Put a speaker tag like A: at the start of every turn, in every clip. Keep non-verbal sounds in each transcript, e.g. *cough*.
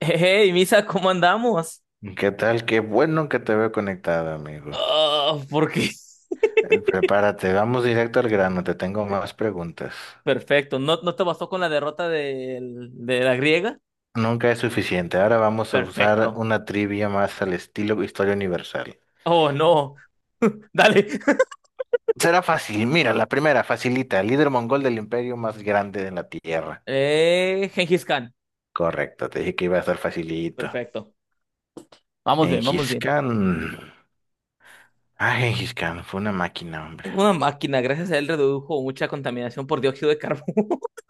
A: Hey, Misa, ¿cómo andamos?
B: ¿Qué tal? Qué bueno que te veo conectado, amigo.
A: Ah, ¿por qué? *laughs*
B: Prepárate, vamos directo al grano, te tengo más preguntas.
A: Perfecto. ¿No, no te bastó con la derrota de la griega?
B: Nunca es suficiente, ahora vamos a usar
A: Perfecto.
B: una trivia más al estilo historia universal.
A: Oh, no. *laughs* Dale.
B: Será fácil, mira, la primera, facilita, líder mongol del imperio más grande de la tierra.
A: Gengis Khan.
B: Correcto, te dije que iba a estar facilito.
A: Perfecto. Vamos bien, vamos
B: Gengis
A: bien.
B: Khan. Ah, Gengis Khan, fue una máquina, hombre.
A: Una máquina, gracias a él redujo mucha contaminación por dióxido de carbono. *laughs*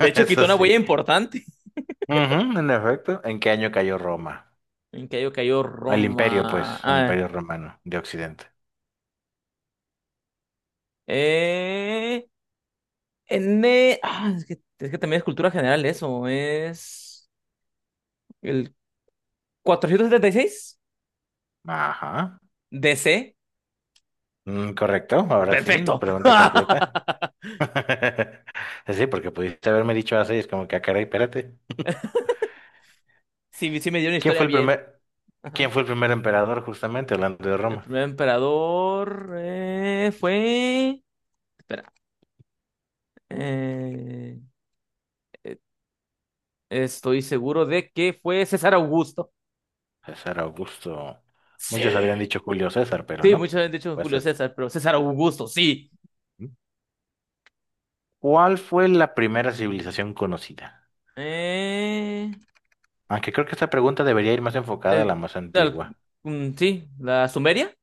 A: De hecho, quitó
B: Eso
A: una
B: sí.
A: huella importante.
B: Ujú, en efecto, ¿en qué año cayó Roma?
A: Cayó
B: El imperio,
A: Roma.
B: pues, el
A: Ah,
B: imperio romano de Occidente.
A: eh, N. Ah, es que también es cultura general eso. Es. El 476
B: Ajá.
A: DC.
B: Mm, correcto, ahora sí,
A: Perfecto.
B: pregunta completa.
A: *laughs*
B: *laughs* Sí, porque pudiste haberme dicho así, es como que, ah, caray, espérate.
A: Sí, sí me dio una
B: ¿Quién
A: historia
B: fue el
A: bien.
B: primer, ¿Quién
A: Ajá.
B: fue el primer emperador, justamente, hablando de
A: El
B: Roma?
A: primer emperador fue. Espera. eh, eh, Estoy seguro de que fue César Augusto.
B: César Augusto.
A: Sí.
B: Muchos habrían dicho Julio César, pero
A: Sí,
B: no.
A: muchos han dicho
B: Pues
A: Julio
B: es.
A: César, pero César Augusto, sí.
B: ¿No? ¿Cuál fue la primera civilización conocida?
A: Eh,
B: Aunque creo que esta pregunta debería ir más enfocada a
A: el-
B: la más
A: el-
B: antigua,
A: sí, la Sumeria.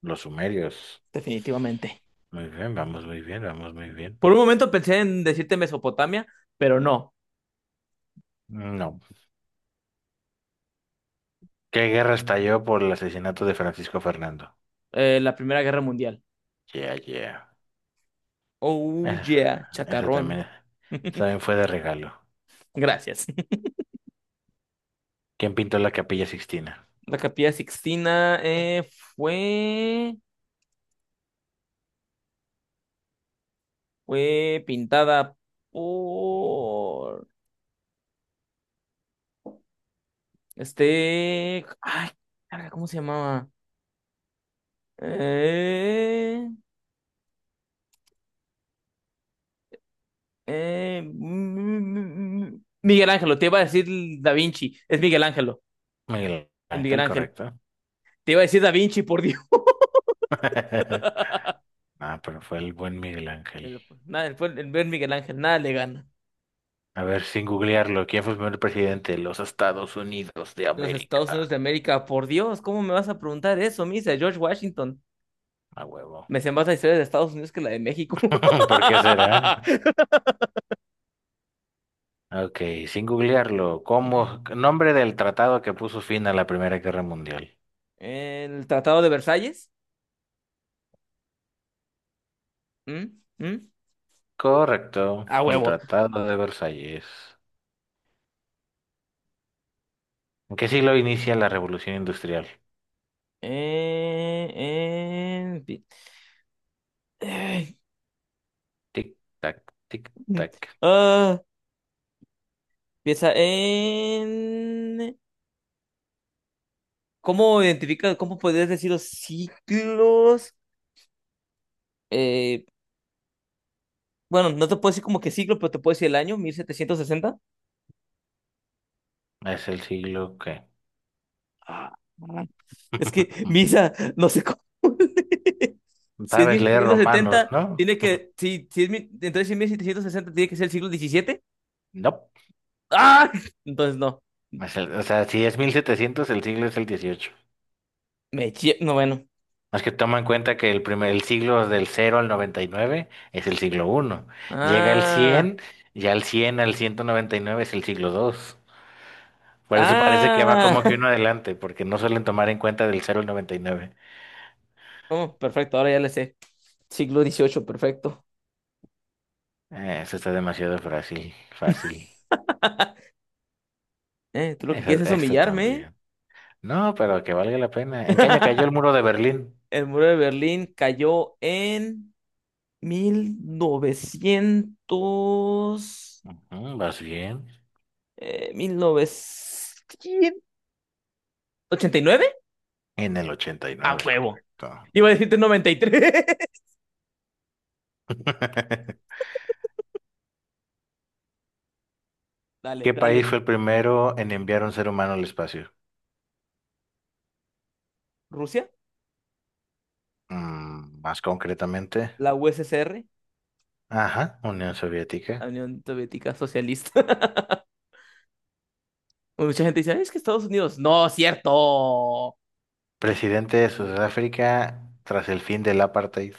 B: los sumerios.
A: Definitivamente.
B: Muy bien, vamos muy bien, vamos muy bien.
A: Por un momento pensé en decirte Mesopotamia, pero no.
B: No. ¿Qué guerra estalló por el asesinato de Francisco Fernando?
A: La Primera Guerra Mundial.
B: Yeah, yeah.
A: Oh
B: Esa,
A: yeah,
B: esa también,
A: chacarrón.
B: esa también
A: *laughs*
B: fue de regalo.
A: Gracias.
B: ¿Quién pintó la Capilla Sixtina?
A: La Capilla Sixtina fue, fue pintada por este. Ay, carga, ¿cómo se llamaba? Eh, Miguel Ángelo, te iba a decir Da Vinci. Es Miguel Ángelo,
B: Miguel
A: el Miguel
B: Ángel,
A: Ángel.
B: correcto.
A: Te iba a decir Da Vinci, por Dios.
B: *laughs* Ah, pero fue el buen Miguel Ángel.
A: Nada, el Miguel Ángel, nada le gana.
B: A ver, sin googlearlo, ¿quién fue el primer presidente de los Estados Unidos de
A: Los Estados Unidos
B: América?
A: de América, por Dios, ¿cómo me vas a preguntar eso, Misa? George Washington.
B: A huevo.
A: Me sé más la historia de Estados Unidos que la de México.
B: *laughs* ¿Por qué será?
A: *laughs*
B: Ok, sin googlearlo,
A: Ujú.
B: ¿cómo? Nombre del tratado que puso fin a la Primera Guerra Mundial.
A: El Tratado de Versalles. ¿Mm? ¿Mm?
B: Correcto,
A: A
B: el
A: huevo.
B: Tratado de Versalles. ¿En qué siglo inicia la revolución industrial?
A: Eh, en pi- Ay.
B: Tic, tac, tic, tac.
A: Ah, piensa en. ¿Cómo identifica, cómo podrías decir los ciclos? Eh, bueno, no te puedo decir como que ciclo, pero te puedo decir el año, 1760.
B: Es el siglo que...
A: Ah, es que Misa, no sé cómo. *laughs* Si es
B: Sabes
A: mil
B: leer
A: setecientos
B: romanos,
A: setenta
B: ¿no?
A: tiene que. Si es mil entonces, si es 1760 tiene que ser el siglo 17.
B: No.
A: ¡Ah! Entonces, no.
B: O sea, si es 1700, el siglo es el 18.
A: No, bueno.
B: Más que toma en cuenta que el siglo del 0 al 99 es el siglo 1. Llega al
A: Ah.
B: 100, ya al 100 al 199 es el siglo 2. Por eso parece que va como que
A: Ah.
B: uno
A: *laughs*
B: adelante, porque no suelen tomar en cuenta del 0 al 99.
A: Oh, perfecto, ahora ya le sé. Siglo 18, perfecto.
B: Eso está demasiado fácil, fácil.
A: Tú lo que quieres es
B: Este,
A: humillarme.
B: también. No, pero que valga la pena.
A: *laughs*
B: ¿En qué año cayó el muro de Berlín?
A: El muro de Berlín cayó en 1900
B: Ujú, vas bien.
A: mil novecientos ochenta y nueve.
B: En el ochenta y
A: A
B: nueve,
A: huevo.
B: correcto.
A: Iba a decirte 93.
B: *laughs*
A: *laughs* Dale,
B: ¿Qué
A: dale.
B: país fue el primero en enviar un ser humano al espacio?
A: Rusia,
B: Mm, más concretamente.
A: la USSR,
B: Ajá, Unión Soviética.
A: la Unión Soviética Socialista. *laughs* Mucha gente dice, es que Estados Unidos. No, cierto.
B: Presidente de Sudáfrica tras el fin del apartheid.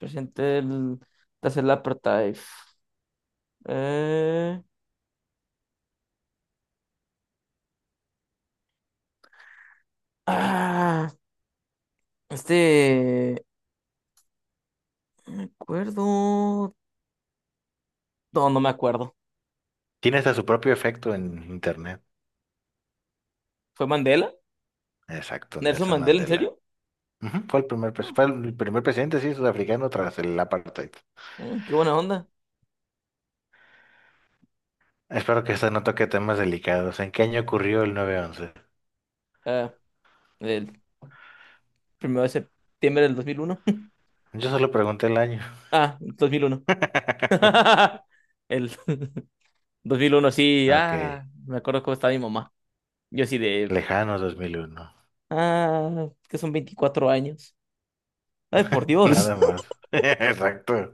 A: Presidente el tercer apartheid. Eh... Ah, este. No me acuerdo. No, no me acuerdo.
B: Tiene hasta su propio efecto en Internet.
A: ¿Fue Mandela?
B: Exacto,
A: ¿Nelson
B: Nelson
A: Mandela, en serio?
B: Mandela. Ujú, fue el
A: No.
B: fue el primer presidente, sí, sudafricano tras el apartheid.
A: Qué buena onda.
B: Espero que esta no toque temas delicados. ¿En qué año ocurrió el nueve once?
A: Ah, el primero de septiembre del 2001.
B: Yo solo pregunté el año.
A: *laughs* Ah, 2001.
B: *laughs*
A: *laughs* El *laughs* 2001, sí,
B: Ok,
A: me acuerdo cómo estaba mi mamá. Yo así de,
B: lejano 2001.
A: que son 24 años. Ay, por
B: *laughs*
A: Dios.
B: Nada más. *laughs* Exacto.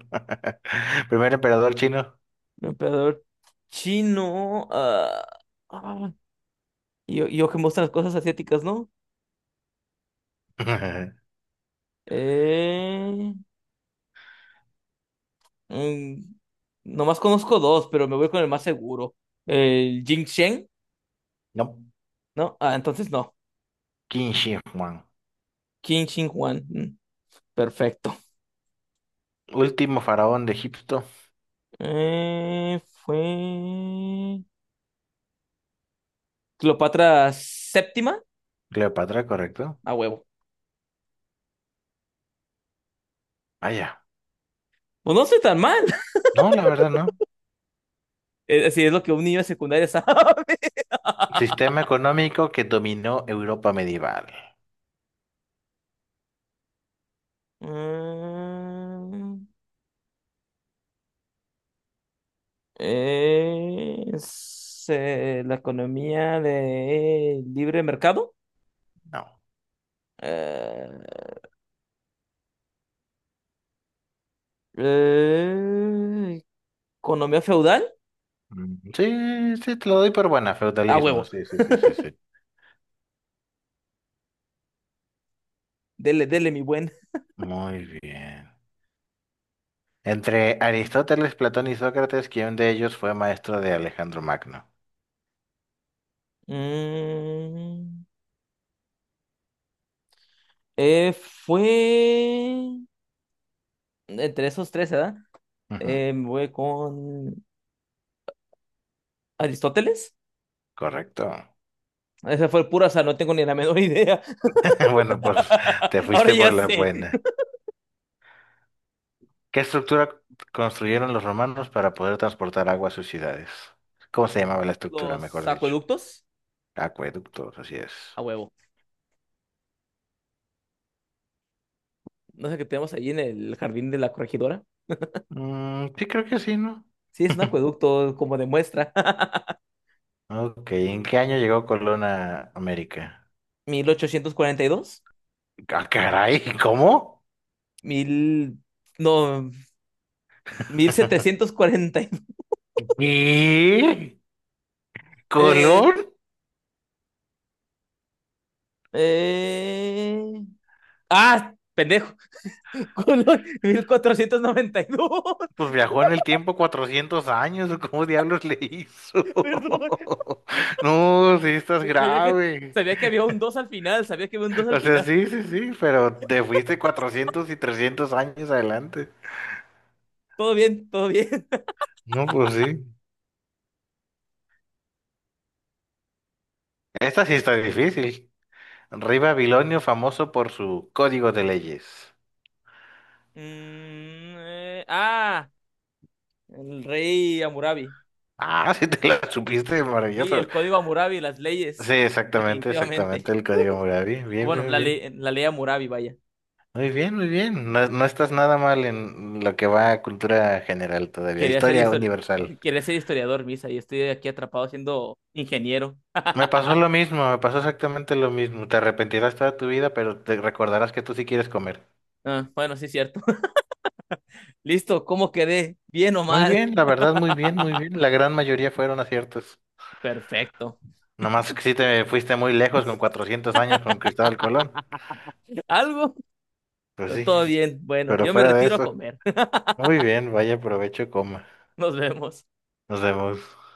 B: *laughs* Primer emperador chino.
A: *laughs* Un Emperador chino. Ah. Y yo que muestro las cosas asiáticas, ¿no?
B: *laughs*
A: Eh, mm, Nomás conozco dos, pero me voy con el más seguro. El Jing Sheng,
B: No,
A: ¿no? Ah, entonces no.
B: Qin Shi Huang.
A: Qin Shi Huang. Perfecto.
B: Último faraón de Egipto.
A: Fue. Cleopatra VII,
B: Cleopatra, ¿correcto?
A: a huevo.
B: Ah, ya.
A: Pues no soy tan mal. *laughs*
B: No, la verdad no.
A: Así es lo que un niño de secundaria sabe. *laughs*
B: Sistema económico que dominó Europa medieval.
A: Mm, la economía de libre mercado.
B: No.
A: Eh, eh, Economía feudal.
B: Mm, sí, sí, te lo doy por buena,
A: A
B: feudalismo.
A: huevo.
B: Sí, sí, sí, sí, sí.
A: Dele, dele, mi buen.
B: Muy bien. Entre Aristóteles, Platón y Sócrates, ¿quién de ellos fue maestro de Alejandro Magno?
A: Mm, Fue entre esos tres, ¿verdad?
B: Ujú,
A: Me voy con Aristóteles.
B: correcto. *laughs*
A: Esa fue pura, o sea, no tengo ni la menor idea.
B: Bueno, pues te
A: *laughs* Ahora
B: fuiste
A: ya
B: por la
A: sé.
B: buena. ¿Qué estructura construyeron los romanos para poder transportar agua a sus ciudades? ¿Cómo se llamaba la estructura,
A: Los
B: mejor dicho?
A: acueductos,
B: Acueductos, así es.
A: a huevo. No sé qué tenemos ahí en el jardín de la corregidora.
B: Mm, sí, creo que sí, ¿no?
A: Sí, es un
B: *laughs*
A: acueducto, como demuestra. *laughs*
B: Ok, ¿en qué año llegó Colón a América?
A: 1842
B: Ah, caray, ¿cómo?
A: mil. No,
B: *laughs*
A: 1742. *laughs*
B: ¿Y?
A: Eh,
B: ¿Colón?
A: eh... Ah, pendejo. *laughs* 1492. *laughs*
B: Pues viajó en el tiempo 400 años, ¿o cómo diablos le hizo?
A: Perdón.
B: *laughs* No, sí estás
A: Sabía que,
B: grave.
A: sabía que había un 2 al final, sabía que había un dos al
B: O sea,
A: final.
B: sí, sí, sí, pero te fuiste 400 y 300 años adelante.
A: Todo bien, todo bien.
B: No, pues sí. Esta sí está difícil. Rey Babilonio, famoso por su código de leyes.
A: Mm, eh, ah, el rey Hammurabi.
B: Ah, *laughs* sí te la supiste,
A: Sí,
B: maravilloso.
A: el código Hammurabi, las
B: Sí,
A: leyes,
B: exactamente, exactamente
A: definitivamente.
B: el código Hammurabi. Bien,
A: Bueno,
B: bien,
A: la
B: bien.
A: ley, la ley Hammurabi, vaya.
B: Muy bien, muy bien. No, no estás nada mal en lo que va a cultura general todavía,
A: Quería ser
B: historia
A: histori-
B: universal.
A: *laughs* Quería ser historiador, Misa, y estoy aquí atrapado siendo ingeniero.
B: Me pasó lo mismo, me pasó exactamente lo mismo. Te arrepentirás toda tu vida, pero te recordarás que tú sí quieres comer.
A: Ah, bueno, sí, es cierto. *laughs* Listo, ¿cómo quedé? ¿Bien o
B: Muy
A: mal?
B: bien, la verdad, muy bien, muy bien.
A: *laughs*
B: La gran mayoría fueron aciertos.
A: Perfecto.
B: Nomás que sí te fuiste muy lejos con 400 años con Cristóbal Colón.
A: ¿Algo?
B: Pues
A: Pero
B: sí,
A: todo bien. Bueno,
B: pero
A: yo me
B: fuera de
A: retiro a
B: eso.
A: comer.
B: Muy bien, vaya provecho, coma.
A: *laughs* Nos vemos.
B: Nos vemos.